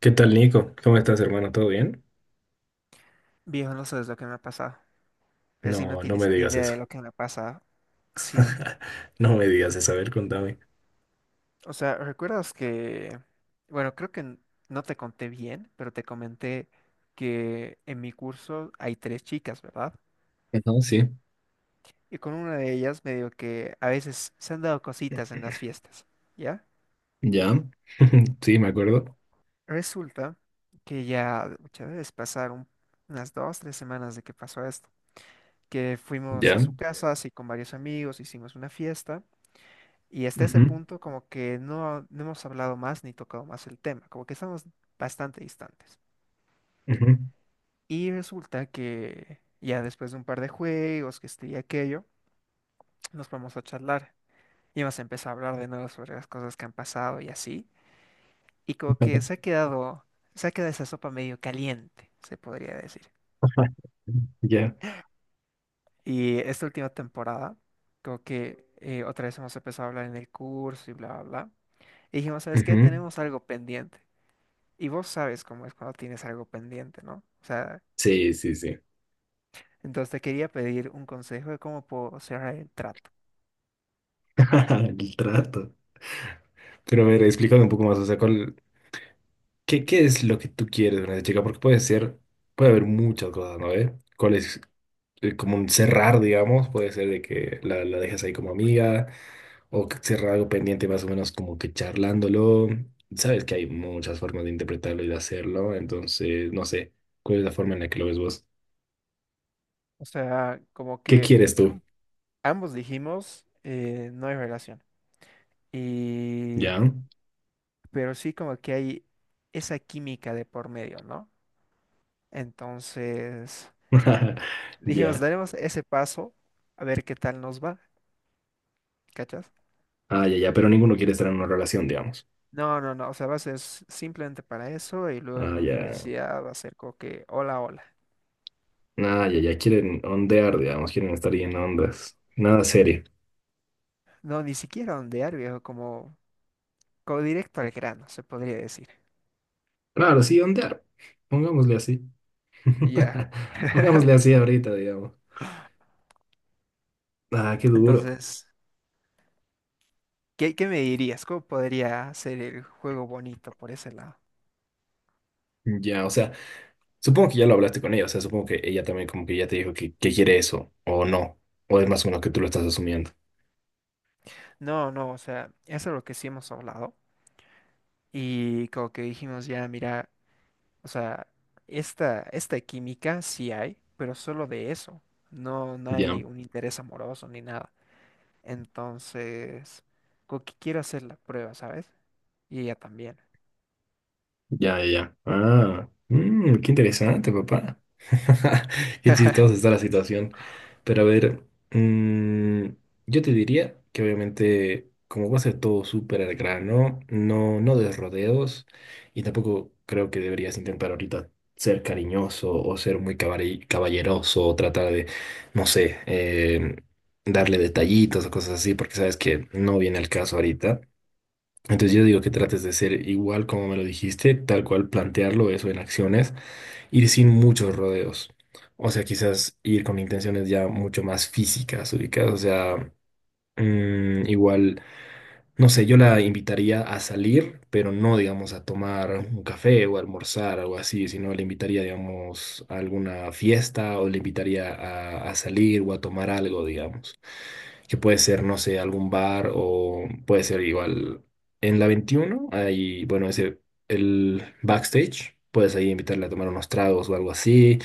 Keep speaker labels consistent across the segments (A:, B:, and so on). A: ¿Qué tal, Nico? ¿Cómo estás, hermano? ¿Todo bien?
B: Viejo, no sabes lo que me ha pasado. Así no
A: No, no
B: tienes
A: me digas
B: idea
A: eso.
B: de lo que me ha pasado. Sí.
A: No me digas eso. A ver, contame.
B: O sea, ¿recuerdas que... Bueno, creo que no te conté bien, pero te comenté que en mi curso hay tres chicas, ¿verdad?
A: Ajá, sí,
B: Y con una de ellas me digo que a veces se han dado cositas en las fiestas, ¿ya?
A: ya. Sí, me acuerdo.
B: Resulta que ya muchas veces pasaron unas dos, tres semanas de que pasó esto. Que fuimos a
A: Ya.
B: su casa, así con varios amigos, hicimos una fiesta. Y hasta ese
A: Ujú,
B: punto como que no, no hemos hablado más ni tocado más el tema, como que estamos bastante distantes.
A: ujú.
B: Y resulta que ya después de un par de juegos, que este y aquello, nos vamos a charlar. Y más empezó a hablar de nuevo sobre las cosas que han pasado y así. Y como que se ha quedado esa sopa medio caliente, se podría decir.
A: Ya.
B: Y esta última temporada, como que otra vez hemos empezado a hablar en el curso y bla, bla, bla. Y dijimos, ¿sabes qué?
A: Ujú.
B: Tenemos algo pendiente. Y vos sabes cómo es cuando tienes algo pendiente, ¿no? O sea,
A: Sí, sí, sí.
B: entonces te quería pedir un consejo de cómo puedo cerrar el trato.
A: El trato. Pero a ver, explícame un poco más. O sea, ¿Qué es lo que tú quieres de una chica? Porque puede ser, puede haber muchas cosas, ¿no? ¿Eh? ¿Cuál es, como un cerrar, digamos, puede ser de que la dejas ahí como amiga o que cerrar algo pendiente más o menos como que charlándolo. Sabes que hay muchas formas de interpretarlo y de hacerlo, entonces no sé, ¿cuál es la forma en la que lo ves vos?
B: O sea, como
A: ¿Qué
B: que
A: quieres tú?
B: am- ambos dijimos, no hay relación. Y,
A: ¿Ya?
B: pero sí como que hay esa química de por medio, ¿no? Entonces, dijimos,
A: Ya.
B: daremos ese paso a ver qué tal nos va, ¿cachas?
A: Ah, ya, ya, pero ninguno quiere estar en una relación, digamos.
B: No, no, no, o sea, va a ser simplemente para eso y luego en
A: Ah,
B: la
A: ya.
B: universidad va a ser como que, hola, hola.
A: Ah, ya, ya, quieren ondear, digamos, quieren estar ahí en ondas. Nada serio.
B: No, ni siquiera ondear, viejo, como directo al grano, se podría decir.
A: Claro, sí, ondear. Pongámosle así.
B: Ya.
A: Pongámosle así ahorita, digamos. Ah, qué duro.
B: Entonces, ¿qué me dirías? ¿Cómo podría hacer el juego bonito por ese lado?
A: Ya, o sea, supongo que ya lo hablaste con ella, o sea, supongo que ella también como que ya te dijo que quiere eso, o no, o es más o menos que tú lo estás asumiendo.
B: No, no, o sea, eso es lo que sí hemos hablado. Y como que dijimos ya, mira, o sea, esta química sí hay, pero solo de eso. No, no
A: Ya,
B: hay un interés amoroso ni nada. Entonces, como que quiero hacer la prueba, ¿sabes? Y ella también.
A: ya, ya, ya. Ah, qué interesante, papá. Qué chistosa está la situación. Pero a ver, mm, yo te diría que obviamente, como va a ser todo súper al grano, no, no des rodeos y tampoco creo que deberías intentar ahorita ser cariñoso o ser muy caballeroso o tratar de, no sé, darle detallitos o cosas así, porque sabes que no viene al caso ahorita. Entonces yo digo que trates de ser igual como me lo dijiste, tal cual plantearlo eso en acciones, ir sin muchos rodeos. O sea, quizás ir con intenciones ya mucho más físicas, ubicadas. O sea, igual, no sé, yo la invitaría a salir, pero no, digamos, a tomar un café o a almorzar, algo así, sino le invitaría, digamos, a alguna fiesta o le invitaría a salir o a tomar algo, digamos que puede ser, no sé, algún bar o puede ser igual. En la 21 hay, bueno, ese, el backstage, puedes ahí invitarle a tomar unos tragos o algo así,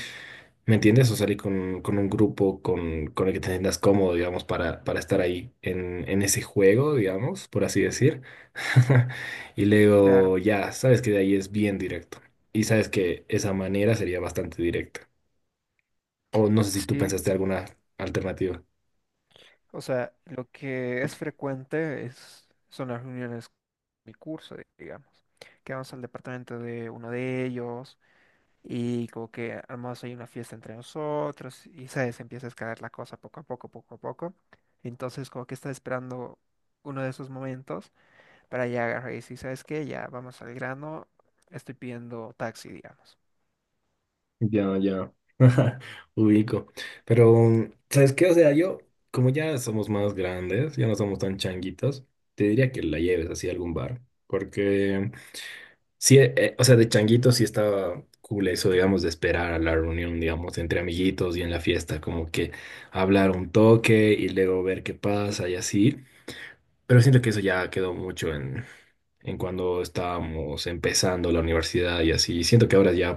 A: ¿me entiendes? O salir con un grupo con el que te sientas cómodo, digamos, para estar ahí en ese juego, digamos, por así decir. Y
B: Claro.
A: luego ya, sabes que de ahí es bien directo. Y sabes que esa manera sería bastante directa. O no sé si tú pensaste
B: Sí.
A: alguna alternativa.
B: O sea, lo que es frecuente es, son las reuniones con mi curso, digamos, que vamos al departamento de uno de ellos y como que armamos ahí una fiesta entre nosotros y sabes, empieza a escalar la cosa poco a poco, poco a poco. Entonces como que está esperando uno de esos momentos para ya agarrar y decir, ¿sabes qué? Ya vamos al grano, estoy pidiendo taxi, digamos.
A: Ya, ya. Ubico. Pero, ¿sabes qué? O sea, yo, como ya somos más grandes, ya no somos tan changuitos, te diría que la lleves así a algún bar. Porque, sí, o sea, de changuitos sí estaba cool eso, digamos, de esperar a la reunión, digamos, entre amiguitos y en la fiesta, como que hablar un toque y luego ver qué pasa y así. Pero siento que eso ya quedó mucho en cuando estábamos empezando la universidad y así. Siento que ahora ya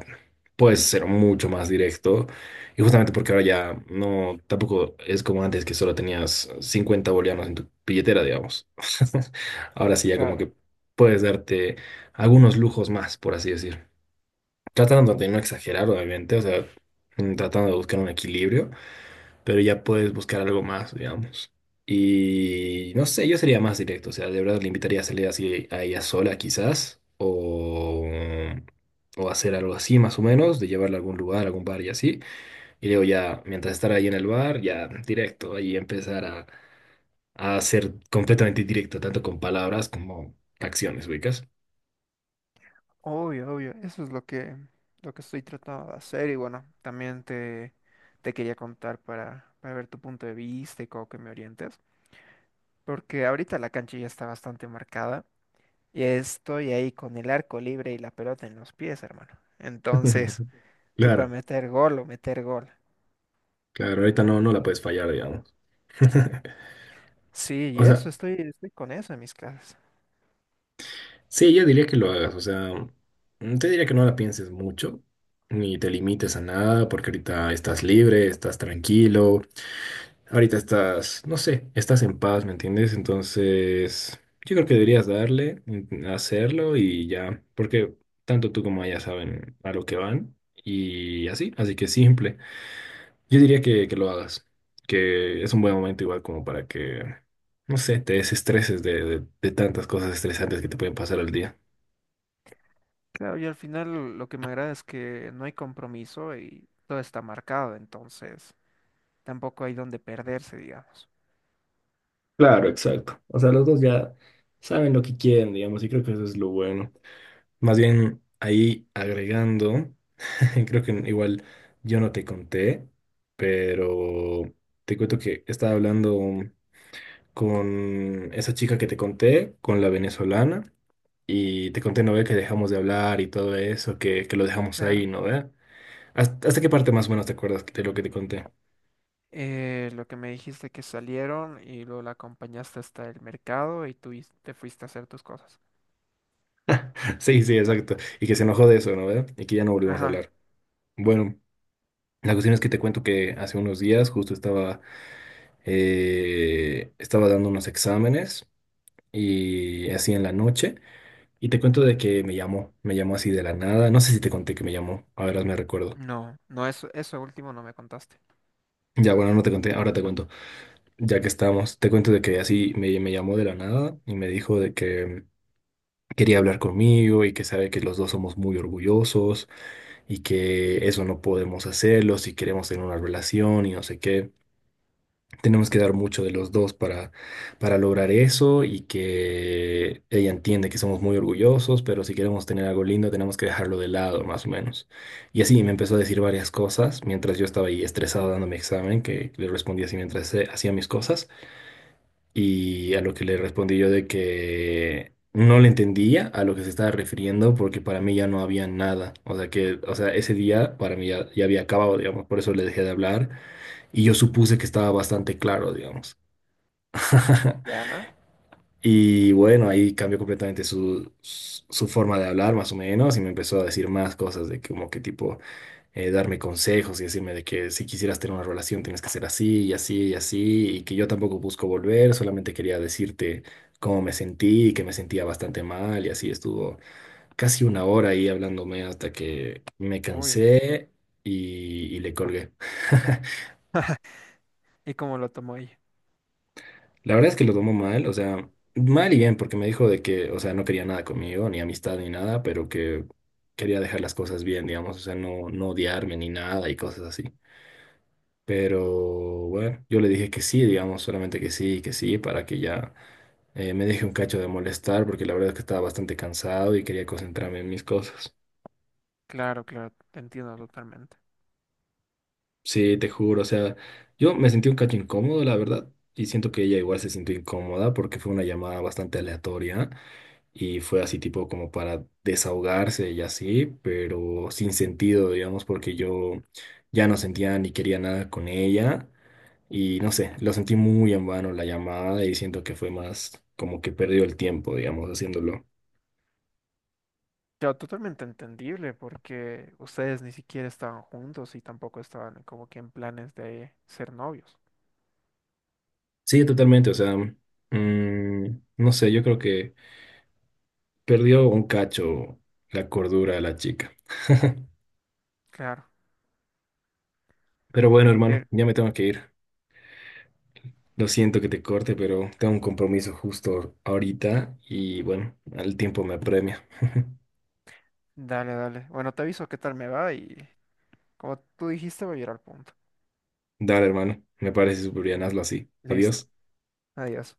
A: puedes ser mucho más directo y justamente porque ahora ya no, tampoco es como antes que solo tenías 50 bolivianos en tu billetera, digamos. Ahora sí ya como
B: Claro.
A: que puedes darte algunos lujos más, por así decir. Tratando de no exagerar, obviamente, o sea, tratando de buscar un equilibrio, pero ya puedes buscar algo más, digamos. Y no sé, yo sería más directo, o sea, de verdad le invitaría a salir así a ella sola quizás, o hacer algo así más o menos, de llevarla a algún lugar, a algún bar y así. Y luego ya, mientras estar ahí en el bar, ya directo, ahí empezar a ser completamente directo, tanto con palabras como acciones, ubicas.
B: Obvio, obvio, eso es lo que estoy tratando de hacer y bueno, también te quería contar para ver tu punto de vista y cómo que me orientes, porque ahorita la cancha ya está bastante marcada y estoy ahí con el arco libre y la pelota en los pies, hermano. Entonces, estoy para
A: Claro,
B: meter gol o meter gol.
A: claro, ahorita no, no la puedes fallar, digamos.
B: Sí, y
A: O
B: eso,
A: sea,
B: estoy, estoy con eso en mis clases.
A: sí, yo diría que lo hagas, o sea, te diría que no la pienses mucho, ni te limites a nada, porque ahorita estás libre, estás tranquilo, ahorita estás, no sé, estás en paz, ¿me entiendes? Entonces, yo creo que deberías darle, hacerlo y ya, porque tanto tú como ella saben a lo que van y así, así que simple. Yo diría que lo hagas, que es un buen momento igual como para que, no sé, te desestreses de tantas cosas estresantes que te pueden pasar al día.
B: Claro, y al final lo que me agrada es que no hay compromiso y todo está marcado, entonces tampoco hay donde perderse, digamos.
A: Claro, exacto. O sea, los dos ya saben lo que quieren, digamos, y creo que eso es lo bueno. Más bien, ahí agregando, creo que igual yo no te conté, pero te cuento que estaba hablando con esa chica que te conté, con la venezolana, y te conté, ¿no ve? Que dejamos de hablar y todo eso, que lo dejamos
B: Claro.
A: ahí, ¿no ve? ¿Hasta qué parte más o menos te acuerdas de lo que te conté?
B: Lo que me dijiste que salieron y luego la acompañaste hasta el mercado y te fuiste a hacer tus cosas.
A: Sí, sí, exacto. Y que se enojó de eso, ¿no ve? Y que ya no volvimos a
B: Ajá.
A: hablar. Bueno. La cuestión es que te cuento que hace unos días justo estaba dando unos exámenes y así en la noche. Y te cuento de que me llamó así de la nada. No sé si te conté que me llamó. A Ahora me recuerdo.
B: No, no, eso último no me contaste.
A: Ya, bueno, no te conté, ahora te cuento. Ya que estamos, te cuento de que así me llamó de la nada y me dijo de que quería hablar conmigo y que sabe que los dos somos muy orgullosos y que eso no podemos hacerlo si queremos tener una relación y no sé qué. Tenemos que dar mucho de los dos para lograr eso y que ella entiende que somos muy orgullosos, pero si queremos tener algo lindo tenemos que dejarlo de lado, más o menos. Y así me empezó a decir varias cosas mientras yo estaba ahí estresado dando mi examen, que le respondí así mientras hacía mis cosas, y a lo que le respondí yo de que... No le entendía a lo que se estaba refiriendo porque para mí ya no había nada. O sea que, o sea, ese día para mí ya había acabado, digamos, por eso le dejé de hablar y yo supuse que estaba bastante claro, digamos.
B: Ya.
A: Y bueno, ahí cambió completamente su forma de hablar, más o menos, y me empezó a decir más cosas de como que tipo, darme consejos y decirme de que si quisieras tener una relación tienes que ser así y así y así, y que yo tampoco busco volver, solamente quería decirte cómo me sentí, que me sentía bastante mal, y así estuvo casi una hora ahí hablándome hasta que me
B: Uy.
A: cansé y le colgué.
B: ¿Y cómo lo tomó ella?
A: La verdad es que lo tomó mal, o sea, mal y bien, porque me dijo de que, o sea, no quería nada conmigo, ni amistad ni nada, pero que quería dejar las cosas bien, digamos, o sea, no odiarme ni nada y cosas así. Pero bueno, yo le dije que sí, digamos, solamente que sí, para que ya me deje un cacho de molestar, porque la verdad es que estaba bastante cansado y quería concentrarme en mis cosas.
B: Claro, claro, te entiendo totalmente.
A: Sí, te juro, o sea, yo me sentí un cacho incómodo, la verdad, y siento que ella igual se sintió incómoda porque fue una llamada bastante aleatoria. Y fue así tipo como para desahogarse y así, pero sin sentido, digamos, porque yo ya no sentía ni quería nada con ella y no sé, lo sentí muy en vano la llamada y siento que fue más como que perdió el tiempo, digamos, haciéndolo.
B: Claro, totalmente entendible porque ustedes ni siquiera estaban juntos y tampoco estaban como que en planes de ser novios.
A: Sí, totalmente, o sea, no sé, yo creo que perdió un cacho la cordura de la chica.
B: Claro.
A: Pero bueno, hermano,
B: Pero,
A: ya me tengo que ir. Lo siento que te corte, pero tengo un compromiso justo ahorita y bueno, el tiempo me apremia.
B: dale, dale. Bueno, te aviso qué tal me va y como tú dijiste, voy a ir al punto.
A: Dale, hermano, me parece súper bien, hazlo así.
B: Listo.
A: Adiós.
B: Adiós.